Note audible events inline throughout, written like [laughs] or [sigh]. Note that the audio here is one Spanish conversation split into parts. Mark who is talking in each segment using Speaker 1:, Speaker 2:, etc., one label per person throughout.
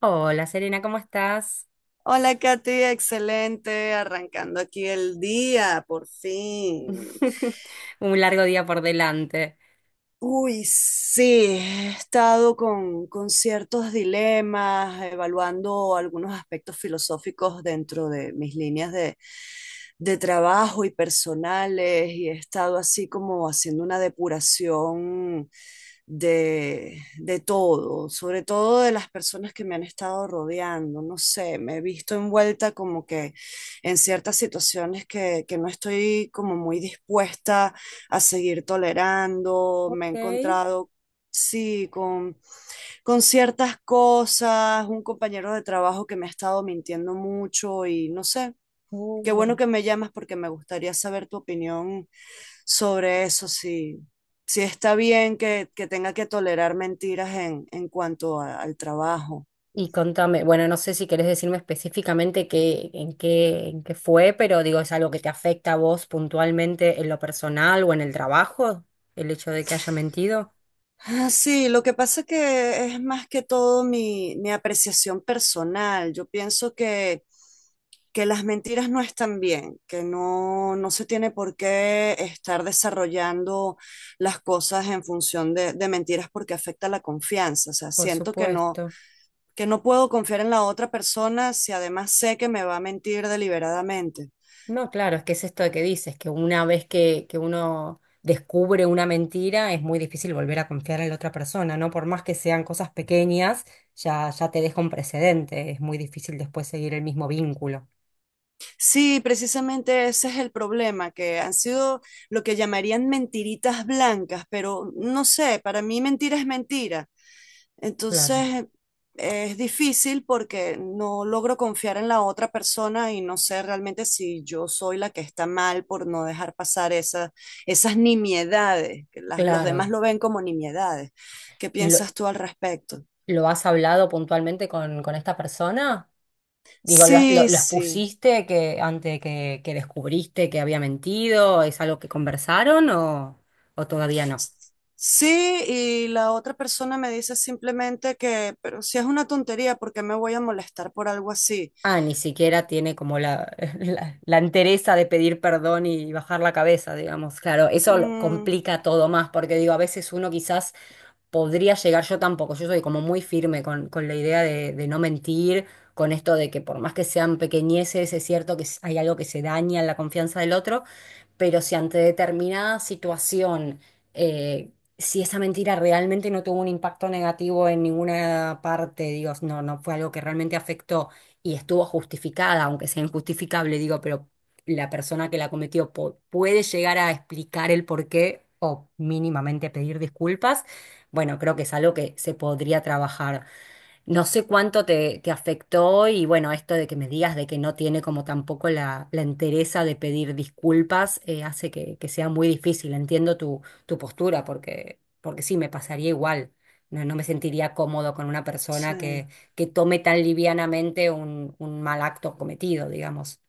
Speaker 1: Hola Serena, ¿cómo estás?
Speaker 2: Hola Katy, excelente, arrancando aquí el día, por fin.
Speaker 1: [laughs] Un largo día por delante.
Speaker 2: Uy, sí, he estado con ciertos dilemas, evaluando algunos aspectos filosóficos dentro de mis líneas de trabajo y personales, y he estado así como haciendo una depuración de todo, sobre todo de las personas que me han estado rodeando. No sé, me he visto envuelta como que en ciertas situaciones que no estoy como muy dispuesta a seguir tolerando. Me he
Speaker 1: Ok.
Speaker 2: encontrado, sí, con ciertas cosas, un compañero de trabajo que me ha estado mintiendo mucho y no sé. Qué bueno
Speaker 1: Mm.
Speaker 2: que me llamas porque me gustaría saber tu opinión sobre eso, si, si está bien que tenga que tolerar mentiras en cuanto al trabajo.
Speaker 1: Y contame, bueno, no sé si querés decirme específicamente qué, en qué fue, pero digo, ¿es algo que te afecta a vos puntualmente en lo personal o en el trabajo? El hecho de que haya mentido.
Speaker 2: Ah, sí, lo que pasa que es más que todo mi apreciación personal. Yo pienso que las mentiras no están bien, que no, no se tiene por qué estar desarrollando las cosas en función de mentiras porque afecta la confianza. O sea,
Speaker 1: Por
Speaker 2: siento
Speaker 1: supuesto.
Speaker 2: que no puedo confiar en la otra persona si además sé que me va a mentir deliberadamente.
Speaker 1: No, claro, es que es esto que dices, que una vez que uno descubre una mentira, es muy difícil volver a confiar en la otra persona, ¿no? Por más que sean cosas pequeñas, ya te deja un precedente, es muy difícil después seguir el mismo vínculo.
Speaker 2: Sí, precisamente ese es el problema, que han sido lo que llamarían mentiritas blancas, pero no sé, para mí mentira es mentira.
Speaker 1: Claro,
Speaker 2: Entonces es difícil porque no logro confiar en la otra persona y no sé realmente si yo soy la que está mal por no dejar pasar esas nimiedades, que los demás
Speaker 1: claro.
Speaker 2: lo ven como nimiedades. ¿Qué
Speaker 1: ¿Y lo,
Speaker 2: piensas tú al respecto?
Speaker 1: lo has hablado puntualmente con esta persona? Digo, ¿lo, lo,
Speaker 2: Sí,
Speaker 1: lo
Speaker 2: sí.
Speaker 1: expusiste que, antes que descubriste que había mentido? ¿Es algo que conversaron o todavía no?
Speaker 2: Sí, y la otra persona me dice simplemente que, pero si es una tontería, ¿por qué me voy a molestar por algo así?
Speaker 1: Ah, ni siquiera tiene como la, [laughs] la entereza de pedir perdón y bajar la cabeza, digamos. Claro, eso lo
Speaker 2: Mm,
Speaker 1: complica todo más, porque digo, a veces uno quizás podría llegar yo tampoco. Yo soy como muy firme con la idea de no mentir, con esto de que por más que sean pequeñeces, es cierto que hay algo que se daña en la confianza del otro, pero si ante determinada situación, eh, si esa mentira realmente no tuvo un impacto negativo en ninguna parte, digo, no, no fue algo que realmente afectó y estuvo justificada, aunque sea injustificable, digo, pero la persona que la cometió puede llegar a explicar el porqué o mínimamente pedir disculpas, bueno, creo que es algo que se podría trabajar. No sé cuánto te, te afectó y bueno, esto de que me digas de que no tiene como tampoco la, la entereza de pedir disculpas, hace que sea muy difícil. Entiendo tu, tu postura porque, porque sí, me pasaría igual. No, no me sentiría cómodo con una persona
Speaker 2: sí,
Speaker 1: que tome tan livianamente un mal acto cometido, digamos.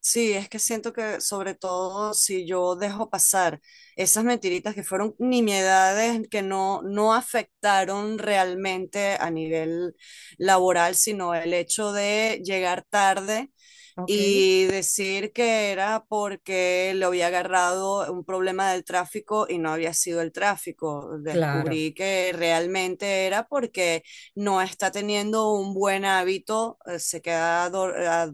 Speaker 2: sí, es que siento que sobre todo si yo dejo pasar esas mentiritas que fueron nimiedades que no, no afectaron realmente a nivel laboral, sino el hecho de llegar tarde
Speaker 1: Ok.
Speaker 2: y decir que era porque le había agarrado un problema del tráfico y no había sido el tráfico.
Speaker 1: Claro.
Speaker 2: Descubrí que realmente era porque no está teniendo un buen hábito. Se queda dor- a-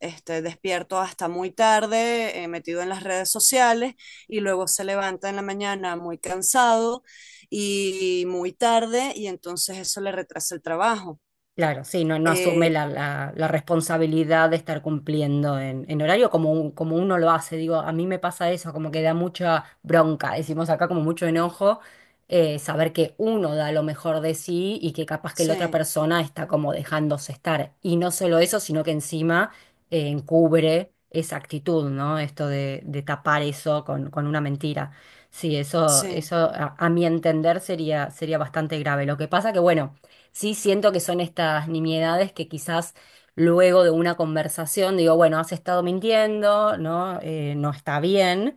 Speaker 2: este, despierto hasta muy tarde, metido en las redes sociales y luego se levanta en la mañana muy cansado y muy tarde y entonces eso le retrasa el trabajo.
Speaker 1: Claro, sí, no, no asume
Speaker 2: Eh,
Speaker 1: la, la responsabilidad de estar cumpliendo en horario como, como uno lo hace. Digo, a mí me pasa eso, como que da mucha bronca, decimos acá como mucho enojo, saber que uno da lo mejor de sí y que capaz que la otra
Speaker 2: sí,
Speaker 1: persona está como dejándose estar. Y no solo eso, sino que encima encubre esa actitud, ¿no? Esto de tapar eso con una mentira. Sí, eso,
Speaker 2: sí,
Speaker 1: eso a mi entender sería, sería bastante grave. Lo que pasa que, bueno. Sí, siento que son estas nimiedades que quizás luego de una conversación digo, bueno, has estado mintiendo, ¿no? No está bien,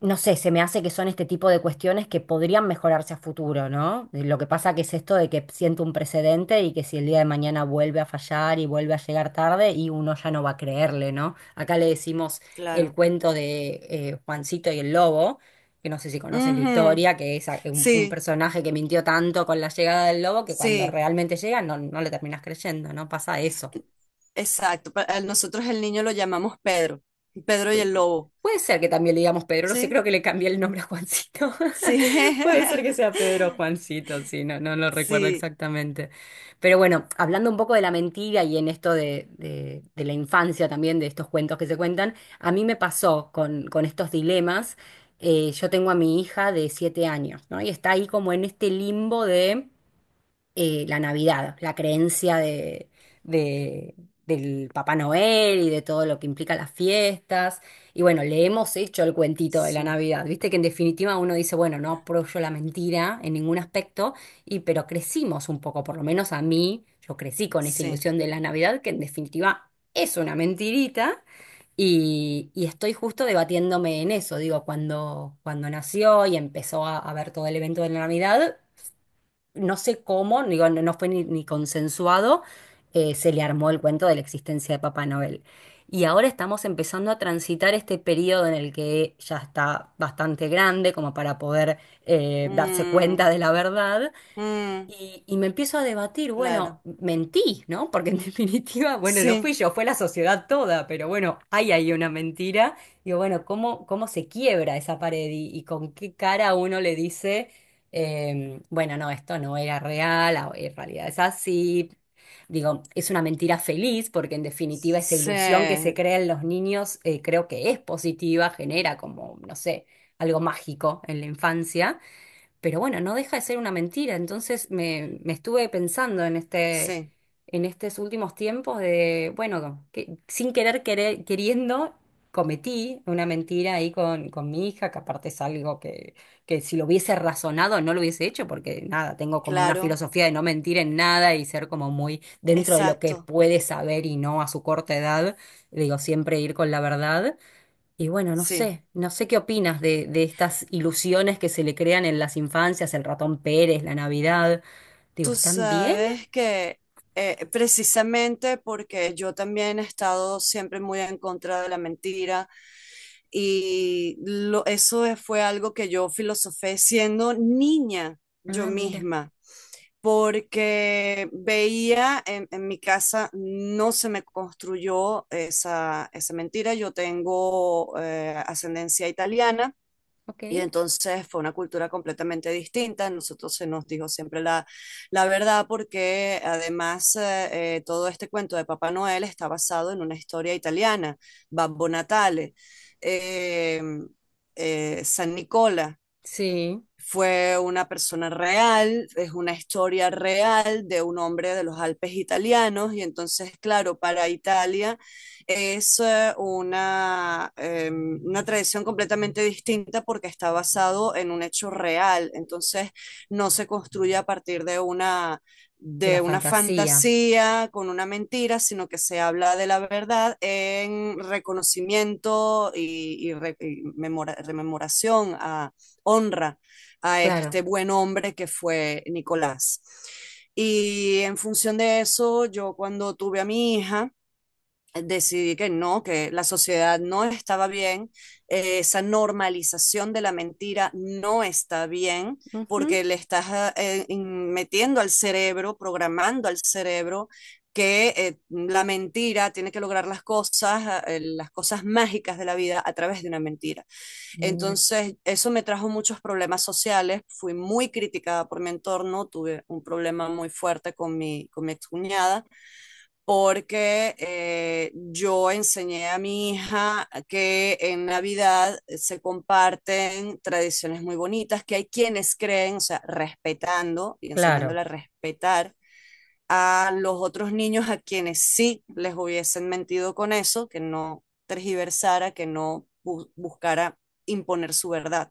Speaker 1: no sé, se me hace que son este tipo de cuestiones que podrían mejorarse a futuro, ¿no? Lo que pasa que es esto de que siento un precedente y que si el día de mañana vuelve a fallar y vuelve a llegar tarde y uno ya no va a creerle, ¿no? Acá le decimos el
Speaker 2: claro.
Speaker 1: cuento de Juancito y el lobo, que no sé si conoces la
Speaker 2: Ujú.
Speaker 1: historia, que es un
Speaker 2: Sí,
Speaker 1: personaje que mintió tanto con la llegada del lobo que cuando
Speaker 2: sí,
Speaker 1: realmente llega no, no le terminas creyendo, ¿no? Pasa eso.
Speaker 2: exacto. Pa- a Nosotros el niño lo llamamos Pedro, Pedro y el lobo.
Speaker 1: Puede ser que también le digamos Pedro, no sé,
Speaker 2: Sí,
Speaker 1: creo que le cambié el nombre a Juancito.
Speaker 2: sí,
Speaker 1: [laughs] Puede ser que
Speaker 2: [laughs]
Speaker 1: sea Pedro o Juancito, sí, no, no lo recuerdo
Speaker 2: sí,
Speaker 1: exactamente. Pero bueno, hablando un poco de la mentira y en esto de, de la infancia también, de estos cuentos que se cuentan, a mí me pasó con estos dilemas. Yo tengo a mi hija de 7 años, ¿no? Y está ahí como en este limbo de la Navidad, la creencia de, de- del Papá Noel y de todo lo que implica las fiestas. Y bueno, le hemos hecho el cuentito de la
Speaker 2: sí,
Speaker 1: Navidad. Viste que en definitiva uno dice, bueno, no apoyo la mentira en ningún aspecto, y, pero crecimos un poco, por lo menos a mí, yo crecí con esa
Speaker 2: sí.
Speaker 1: ilusión de la Navidad, que en definitiva es una mentirita. Y estoy justo debatiéndome en eso, digo, cuando, cuando nació y empezó a ver todo el evento de la Navidad, no sé cómo, digo, no, no fue ni, ni consensuado, se le armó el cuento de la existencia de Papá Noel. Y ahora estamos empezando a transitar este periodo en el que ya está bastante grande como para poder darse
Speaker 2: Mm,
Speaker 1: cuenta de la verdad
Speaker 2: mm,
Speaker 1: y me empiezo a debatir, bueno,
Speaker 2: claro,
Speaker 1: mentí, ¿no? Porque en [laughs] definitiva, bueno, no
Speaker 2: sí,
Speaker 1: fui yo, fue la sociedad toda, pero bueno, hay ahí una mentira. Digo, bueno, ¿cómo, cómo se quiebra esa pared y con qué cara uno le dice, bueno, no, esto no era real, ah, en realidad es así. Digo, es una mentira feliz porque en definitiva esa ilusión que se
Speaker 2: sí,
Speaker 1: crea en los niños, creo que es positiva, genera como, no sé, algo mágico en la infancia. Pero bueno, no deja de ser una mentira. Entonces me estuve pensando en este,
Speaker 2: sí,
Speaker 1: en estos últimos tiempos de, bueno, que, sin querer, queriendo, cometí una mentira ahí con mi hija, que aparte es algo que si lo hubiese razonado no lo hubiese hecho, porque nada, tengo como una
Speaker 2: claro,
Speaker 1: filosofía de no mentir en nada y ser como muy dentro de lo que
Speaker 2: exacto,
Speaker 1: puede saber y no a su corta edad. Digo, siempre ir con la verdad. Y bueno, no
Speaker 2: sí.
Speaker 1: sé, no sé qué opinas de estas ilusiones que se le crean en las infancias, el ratón Pérez, la Navidad. Digo,
Speaker 2: Tú
Speaker 1: ¿están bien?
Speaker 2: sabes que precisamente porque yo también he estado siempre muy en contra de la mentira y eso fue algo que yo filosofé siendo niña yo
Speaker 1: Ah, mira,
Speaker 2: misma, porque veía en mi casa no se me construyó esa mentira. Yo tengo ascendencia italiana. Y
Speaker 1: ok.
Speaker 2: entonces fue una cultura completamente distinta. Nosotros se nos dijo siempre la verdad porque además todo este cuento de Papá Noel está basado en una historia italiana, Babbo Natale, eh, San Nicola,
Speaker 1: Sí,
Speaker 2: fue una persona real, es una historia real de un hombre de los Alpes italianos y entonces, claro, para Italia es una tradición completamente distinta porque está basado en un hecho real, entonces no se construye a partir
Speaker 1: de la
Speaker 2: de una
Speaker 1: fantasía,
Speaker 2: fantasía con una mentira, sino que se habla de la verdad en reconocimiento y rememoración a honra a este
Speaker 1: claro.
Speaker 2: buen hombre que fue Nicolás. Y en función de eso, yo cuando tuve a mi hija, decidí que no, que la sociedad no estaba bien, esa normalización de la mentira no está bien,
Speaker 1: Ujú,
Speaker 2: porque le estás metiendo al cerebro, programando al cerebro que la mentira tiene que lograr las cosas, las cosas mágicas de la vida a través de una mentira.
Speaker 1: mira,
Speaker 2: Entonces, eso me trajo muchos problemas sociales, fui muy criticada por mi entorno, tuve un problema muy fuerte con mi excuñada porque yo enseñé a mi hija que en Navidad se comparten tradiciones muy bonitas, que hay quienes creen, o sea, respetando y
Speaker 1: claro.
Speaker 2: enseñándola a respetar a los otros niños a quienes sí les hubiesen mentido con eso, que no tergiversara, que no buscara imponer su verdad.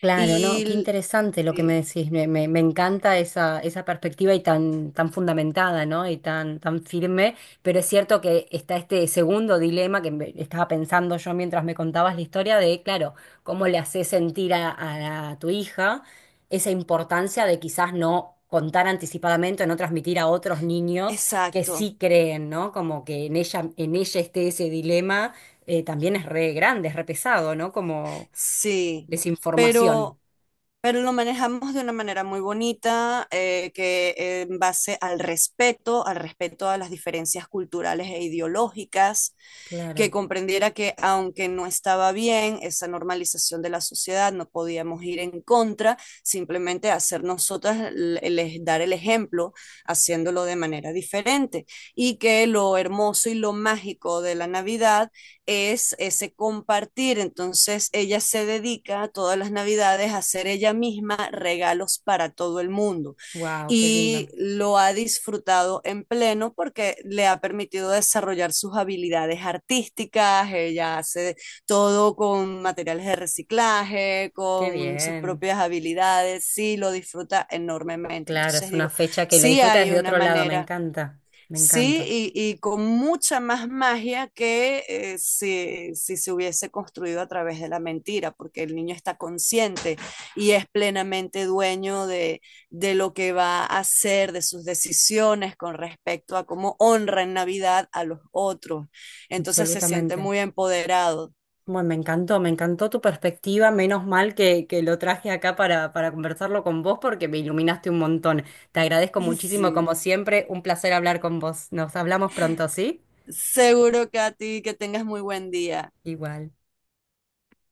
Speaker 1: Claro, no, qué
Speaker 2: Y
Speaker 1: interesante lo que me
Speaker 2: sí,
Speaker 1: decís. Me, me encanta esa, esa perspectiva y tan, tan fundamentada, ¿no? Y tan, tan firme. Pero es cierto que está este segundo dilema que estaba pensando yo mientras me contabas la historia de, claro, cómo le haces sentir a, a tu hija esa importancia de quizás no contar anticipadamente o no transmitir a otros niños que
Speaker 2: exacto.
Speaker 1: sí creen, ¿no? Como que en ella esté ese dilema, también es re grande, es re pesado, ¿no? Como
Speaker 2: Sí,
Speaker 1: desinformación.
Speaker 2: pero, pero lo manejamos de una manera muy bonita, que en base al respeto a las diferencias culturales e ideológicas, que
Speaker 1: Claro.
Speaker 2: comprendiera que aunque no estaba bien esa normalización de la sociedad, no podíamos ir en contra, simplemente hacer nosotras, dar el ejemplo haciéndolo de manera diferente y que lo hermoso y lo mágico de la Navidad es ese compartir. Entonces ella se dedica todas las navidades a hacer ella misma regalos para todo el mundo
Speaker 1: Wow, qué lindo.
Speaker 2: y lo ha disfrutado en pleno porque le ha permitido desarrollar sus habilidades artísticas. Ella hace todo con materiales de reciclaje,
Speaker 1: Qué
Speaker 2: con sus
Speaker 1: bien.
Speaker 2: propias habilidades, sí, lo disfruta enormemente.
Speaker 1: Claro,
Speaker 2: Entonces
Speaker 1: es una
Speaker 2: digo,
Speaker 1: fecha que lo
Speaker 2: sí
Speaker 1: disfruta
Speaker 2: hay
Speaker 1: desde
Speaker 2: una
Speaker 1: otro lado. Me
Speaker 2: manera.
Speaker 1: encanta. Me encanta.
Speaker 2: Sí, y con mucha más magia que si se hubiese construido a través de la mentira, porque el niño está consciente y es plenamente dueño de lo que va a hacer, de sus decisiones con respecto a cómo honra en Navidad a los otros. Entonces se siente
Speaker 1: Absolutamente.
Speaker 2: muy empoderado.
Speaker 1: Bueno, me encantó tu perspectiva. Menos mal que lo traje acá para conversarlo con vos porque me iluminaste un montón. Te agradezco
Speaker 2: [laughs]
Speaker 1: muchísimo,
Speaker 2: Sí,
Speaker 1: como siempre. Un placer hablar con vos. Nos hablamos pronto, ¿sí?
Speaker 2: seguro que a ti que tengas muy buen día.
Speaker 1: Igual.